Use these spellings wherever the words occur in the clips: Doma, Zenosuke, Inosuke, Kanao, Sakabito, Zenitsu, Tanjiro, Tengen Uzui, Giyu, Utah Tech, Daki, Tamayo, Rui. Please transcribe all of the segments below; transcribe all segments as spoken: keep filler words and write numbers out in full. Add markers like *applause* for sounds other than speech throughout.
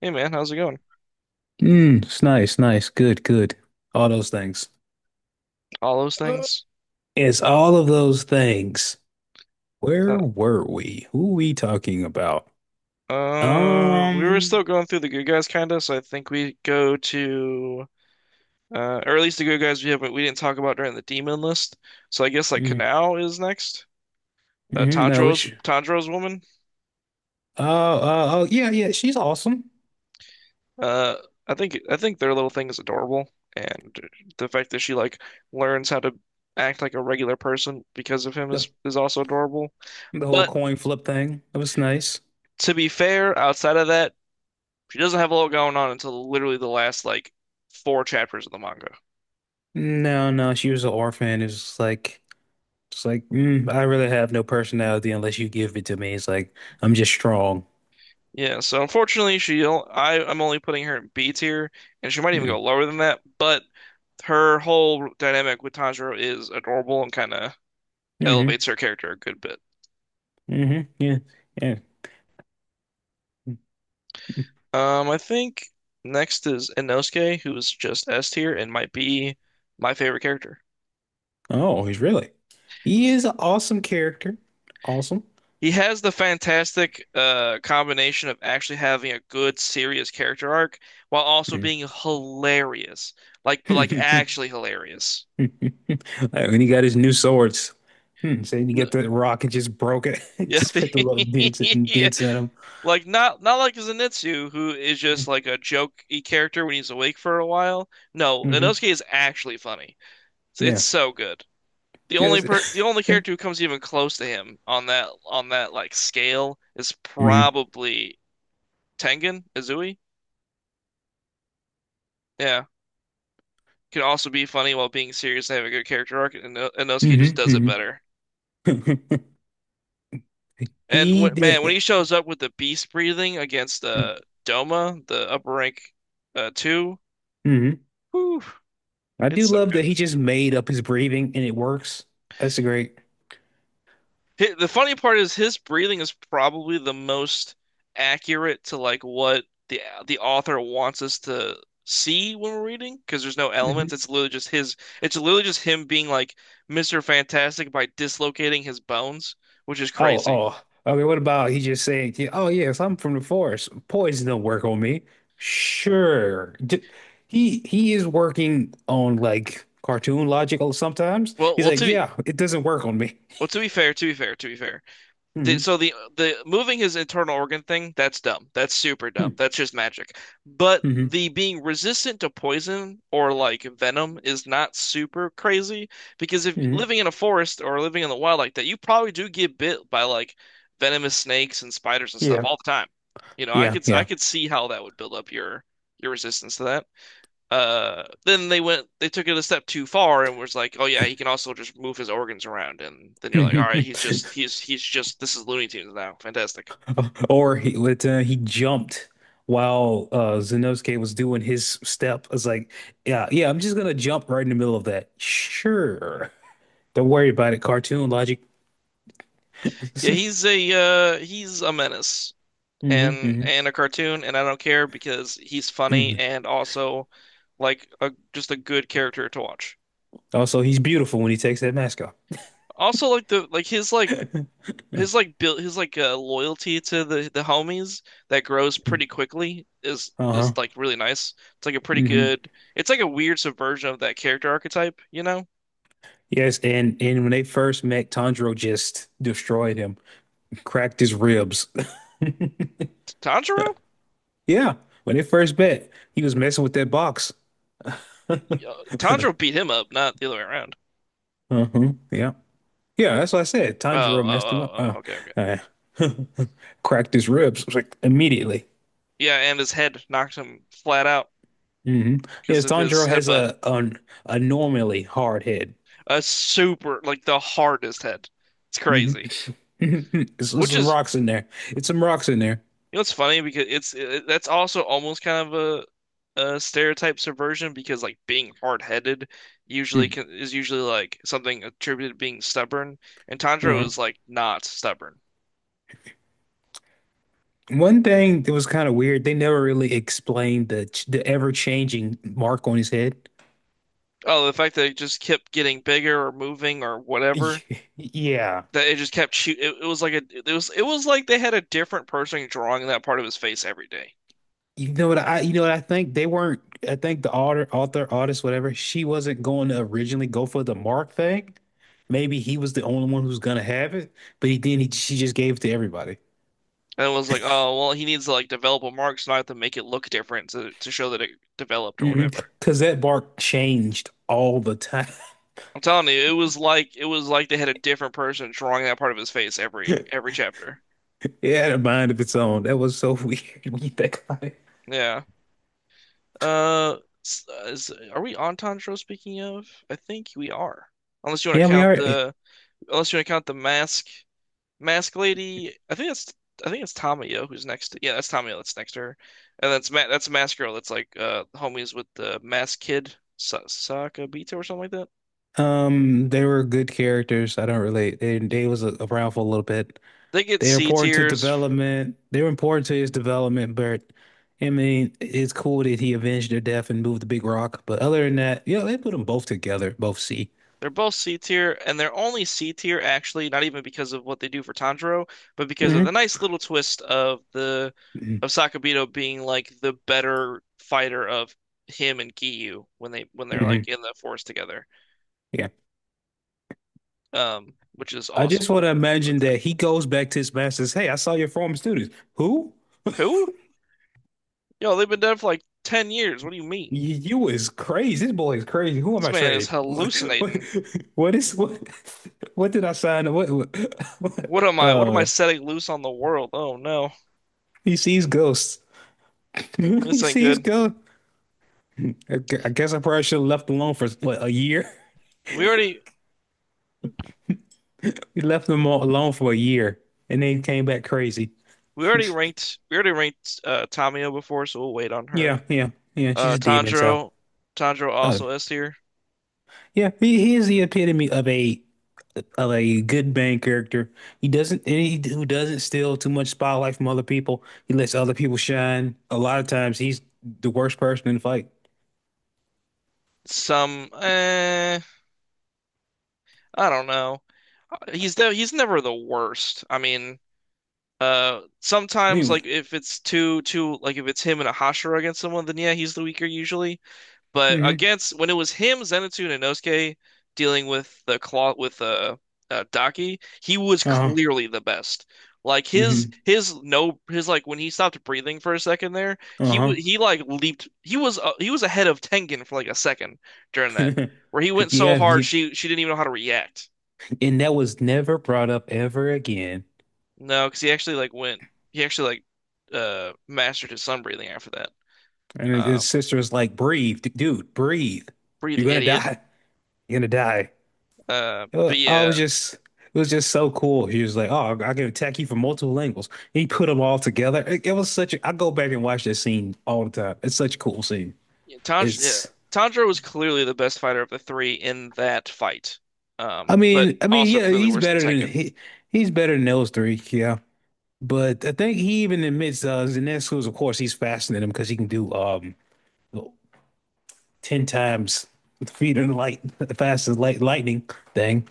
Hey man, how's it going? Mm, it's nice, nice, good, good. All those things. All those Uh, things. It's all of those things. So, Where were we? Who we talking about? uh, we were still Um, going through the good guys, kinda. So I think we go to, uh, or at least the good guys we haven't we didn't talk about during the demon list. So I guess like mm, Kanao is next. Uh, mhm, no, Tanjiro's which, Tanjiro's woman. uh, uh, oh, yeah, yeah, she's awesome. Uh, I think I think their little thing is adorable, and the fact that she like learns how to act like a regular person because of him The, is is also adorable. the whole But coin flip thing, it was nice. to be fair, outside of that, she doesn't have a lot going on until literally the last like four chapters of the manga. No, no, she was an orphan. It's like, it's like, mm, I really have no personality unless you give it to me. It's like, I'm just strong. Yeah, so unfortunately, she I I'm only putting her in B tier, and she might even Mm, go lower than that. But her whole dynamic with Tanjiro is adorable and kind of hmm, elevates her character a good bit. hmm, yeah, yeah. Um, I think next is Inosuke, who's just S tier and might be my favorite character. Oh, he's really. He is an awesome character. Awesome. He has the fantastic uh, combination of actually having a good, serious character arc while also Hmm. being hilarious. Like, but like *laughs* actually hilarious. Like, when he got his new swords. Hmm. So you get N- the rock and just broke it. *laughs* yeah. Just put the little dents *laughs* and Yeah. dents in him. Like not not like Zenitsu, who is just like a jokey character when he's awake for a while. No, Mm-hmm. Inosuke is actually funny. It's, it's Yeah. so good. The only per the Just. only *laughs* character who comes even close to him on that on that like scale is hmm probably Tengen, Izui. Yeah. Can also be funny while being serious and have a good character arc, and No- Inosuke just hmm does it hmm better. *laughs* And He when, man, when did. he shows up with the beast breathing against uh, Doma, the upper rank uh, two, hmm whew, I do it's so love that good. he just made up his breathing and it works. That's great. Hi- the funny part is his breathing is probably the most accurate to like what the the author wants us to see when we're reading because there's no elements. It's literally just his. It's literally just him being like Mister Fantastic by dislocating his bones, which is Oh, crazy. oh. Okay, what about he just saying, yeah, oh yeah, if I'm from the forest, poison don't work on me. Sure. D- he he is working on like cartoon logic sometimes. Well, He's well, like, to yeah, it doesn't work on me. Well, to be fair, to be fair, to be fair. The, hmm so the the moving his internal organ thing, that's dumb. That's super dumb. That's just magic. But hmm the being resistant to poison or like venom is not super crazy because if hmm living in a forest or living in the wild like that, you probably do get bit by like venomous snakes and spiders and stuff Yeah. all the time. You know, I Yeah, could I yeah. could see how that would build up your your resistance to that. Uh, then they went, they took it a step too far and was like, oh yeah, he can also just move his organs around. And then you're like, all right, he's *laughs* just, he's, he's just, this is Looney Tunes now. Fantastic. Or he let uh, he jumped while uh Zenosuke was doing his step. It's like, yeah, yeah, I'm just gonna jump right in the middle of that. Sure. Don't worry about it, cartoon logic. Yeah, *laughs* he's a, uh, he's a menace and, hmm and a cartoon. And I don't care because he's funny hmm and also like a, just a good character to watch. Also, he's beautiful when he takes that mask off. Also, like the, like his, like, His like build, his like uh, loyalty to the the homies that grows Mm. pretty quickly is is Uh-huh. like really nice. It's like a pretty hmm good. It's like a weird subversion of that character archetype, you know? Yes, and and when they first met, Tanjiro just destroyed him, cracked his ribs. *laughs* Tanjiro? Yeah, when they first met, he was messing with that box. *laughs* Yeah, Tanjiro beat him up, not the other way around. Uh-huh. Yeah. Yeah, that's what I said. Oh, Tanjiro messed him up, oh, oh, Uh, oh, okay, okay. uh, *laughs* cracked his ribs like immediately. Yeah, and his head knocked him flat out hmm because Yes, of his Tanjiro has headbutt. a an abnormally hard head. A super like the hardest head. It's hmm crazy. *laughs* There's, there's Which some is rocks in there. It's some rocks in there. You know, it's funny because it's it, that's also almost kind of a, a stereotype subversion because like being hard-headed usually can, is usually like something attributed to being stubborn, and Tanjiro Uh-huh. is like not stubborn. One thing that was kind of weird, they never really explained the ch- the ever-changing mark on his head. Oh, the fact that it just kept getting bigger or moving or whatever *laughs* Y- Yeah. that it just kept shoot. It, it was like a it was it was like they had a different person drawing that part of his face every day, You know what I you know what I think, they weren't I think the author author artist, whatever, she wasn't going to originally go for the mark thing. Maybe he was the only one who's gonna have it, but he didn't. He, she just gave it to everybody. and it was like, oh well, he needs to like develop a mark so I have to make it look different to to show that it developed or hmm whatever. Because that mark changed all the time. *laughs* I'm telling you, it was like it was like they had a different person drawing that part of his face every every chapter. It had a mind of its own. That was so *laughs* weird when you think about it. Yeah. Uh, s- uh, is, are we on Tanjiro speaking of? I think we are. Unless you want Yeah, to we count are. the Unless you want to count the mask mask lady. I think that's I think it's Tamayo who's next to, yeah, that's Tamayo that's next to her. And that's Ma that's mask girl that's like uh homies with the mask kid Sa Sakabito or something like that. Um, they were good characters. I don't relate. They they was a- around for a little bit. They get They were C important to tiers. development. They were important to his development, but I mean, it's cool that he avenged their death and moved the big rock. But other than that, you know, they put them both together, both C. They're both C tier, and they're only C tier actually, not even because of what they do for Tanjiro, but because of hmm the nice little twist of the of hmm Sakabito being like the better fighter of him and Giyu when they when they're hmm like in the forest together. Yeah. Um, which is I just awesome. want to I like imagine that. that he goes back to his masters. Hey, I saw your former students. Who? Who? Yo, they've been dead for like ten years. What do you mean? You, you is crazy. This boy is crazy. Who am This I man is trading? *laughs* What, hallucinating. what is what? What did I sign? What? What? What *laughs* am I? What am I uh, setting loose on the world? Oh no. He sees ghosts. *laughs* This He ain't sees good. ghosts. I gu- I guess I probably should have left alone for what, a year. *laughs* We already We left them all alone for a year, and then he came back crazy. we already ranked we already ranked uh Tamio before, so we'll wait on her. Yeah, yeah, yeah. She's Uh, a demon. So, Tanjiro, Tanjiro uh, also S tier. yeah, he, he is the epitome of a a good main character. He doesn't, and he who doesn't steal too much spotlight from other people. He lets other people shine. A lot of times, he's the worst person in the fight. Some, eh, I don't know. He's de he's never the worst. I mean, uh, I sometimes mean, like if it's too too like if it's him and a Hashira against someone, then yeah, he's the weaker usually. But mm-hmm, against when it was him, Zenitsu, and Inosuke dealing with the claw with uh, uh Daki, he was uh-huh, clearly the best. Like mm-hmm, his his no his like when he stopped breathing for a second there, he uh-huh. was he like leaped. He was uh, he was ahead of Tengen for like a second during that, *laughs* where he went so Yeah, hard yeah, she she didn't even know how to react. and that was never brought up ever again. No, because he actually like went he actually like uh mastered his sun breathing after that. And his, Uh, his sister was like, "Breathe, d- dude, breathe. breathe, You're gonna idiot. die. You're gonna die." Uh, Uh, but I yeah. Was just, it was just so cool. He was like, "Oh, I can attack you from multiple angles." He put them all together. It, it was such a. I go back and watch that scene all the time. It's such a cool scene. Yeah, Tanj yeah, It's. Tanjiro was clearly the best fighter of the three in that fight, I um, but mean, I mean, also yeah, clearly he's worse than better than Tengen. he. He's better than those three. Yeah, but I think he even admits uh, Zenitsu's. Of course, he's faster than him because he can do um ten times the speed of the light, *laughs* the fastest light lightning thing.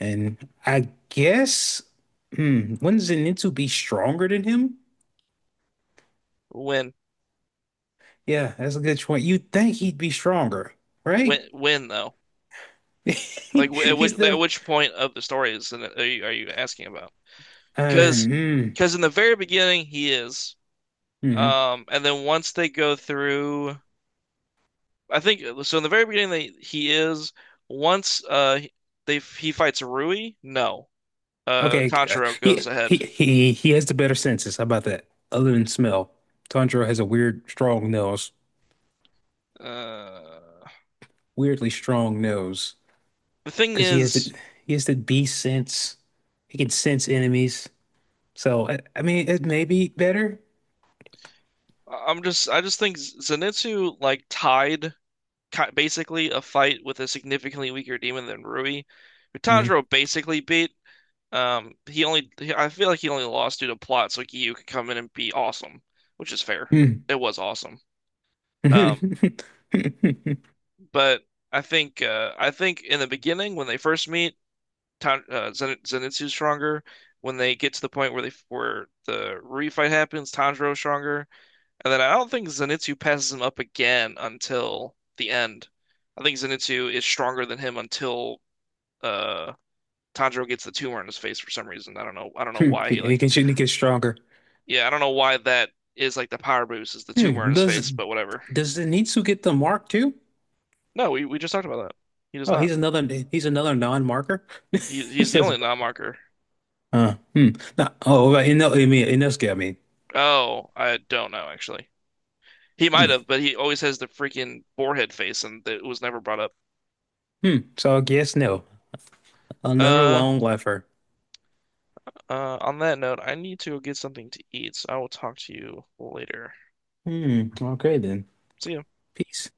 And I guess, hmm, wouldn't Zenitsu be stronger than him? When, Yeah, that's a good point. You'd think he'd be stronger, right? when, when though? *laughs* Like, wh- at which He's at the. which point of the story is are you, are you asking about? I Because mean, because in the very beginning he is, hmm, mhm. um, and then once they go through, I think so. In the very beginning, they he is. Once uh they he fights Rui, no, uh Okay, uh, Tanjiro he goes he ahead. he he has the better senses. How about that? Other than smell, Tanjiro has a weird, strong nose. Uh, Weirdly strong nose the thing because he has the is. he has the beast sense. He can sense enemies. So I, I mean, it may be better. I- am just I just think Zenitsu like tied ki- basically a fight with a significantly weaker demon than Rui, who Mhm. Tanjiro basically beat. Um, he only he- I feel like he only lost due to plot, so Gyu could come in and be awesome, which is fair. Hmm. It was awesome. Um, *laughs* but I think uh I think in the beginning when they first meet, Tan uh, Zen Zenitsu's stronger. When they get to the point where they where the Rui fight happens, Tanjiro's stronger. And then I don't think Zenitsu passes him up again until the end. I think Zenitsu is stronger than him until uh Tanjiro gets the tumor in his face for some reason. I don't know. I don't know And why he he like can shoot and he gets stronger. yeah, I don't know why that is like the power boost is the tumor in Hmm. his Does face, but whatever. does Zenitsu get the mark too? No, we, we just talked about that. He does Oh, not. he's another he's another non-marker. *laughs* He This he's the is only non-marker. uh, hmm. No, oh, right, no, I mean Inosuke, I mean. Oh, I don't know actually. He might Hmm. have, but he always has the freaking boarhead face and it was never brought up. Hmm. So I guess no. Another Uh, long lifer. uh, on that note, I need to go get something to eat, so I will talk to you later. Hmm. Okay then. See ya. Peace.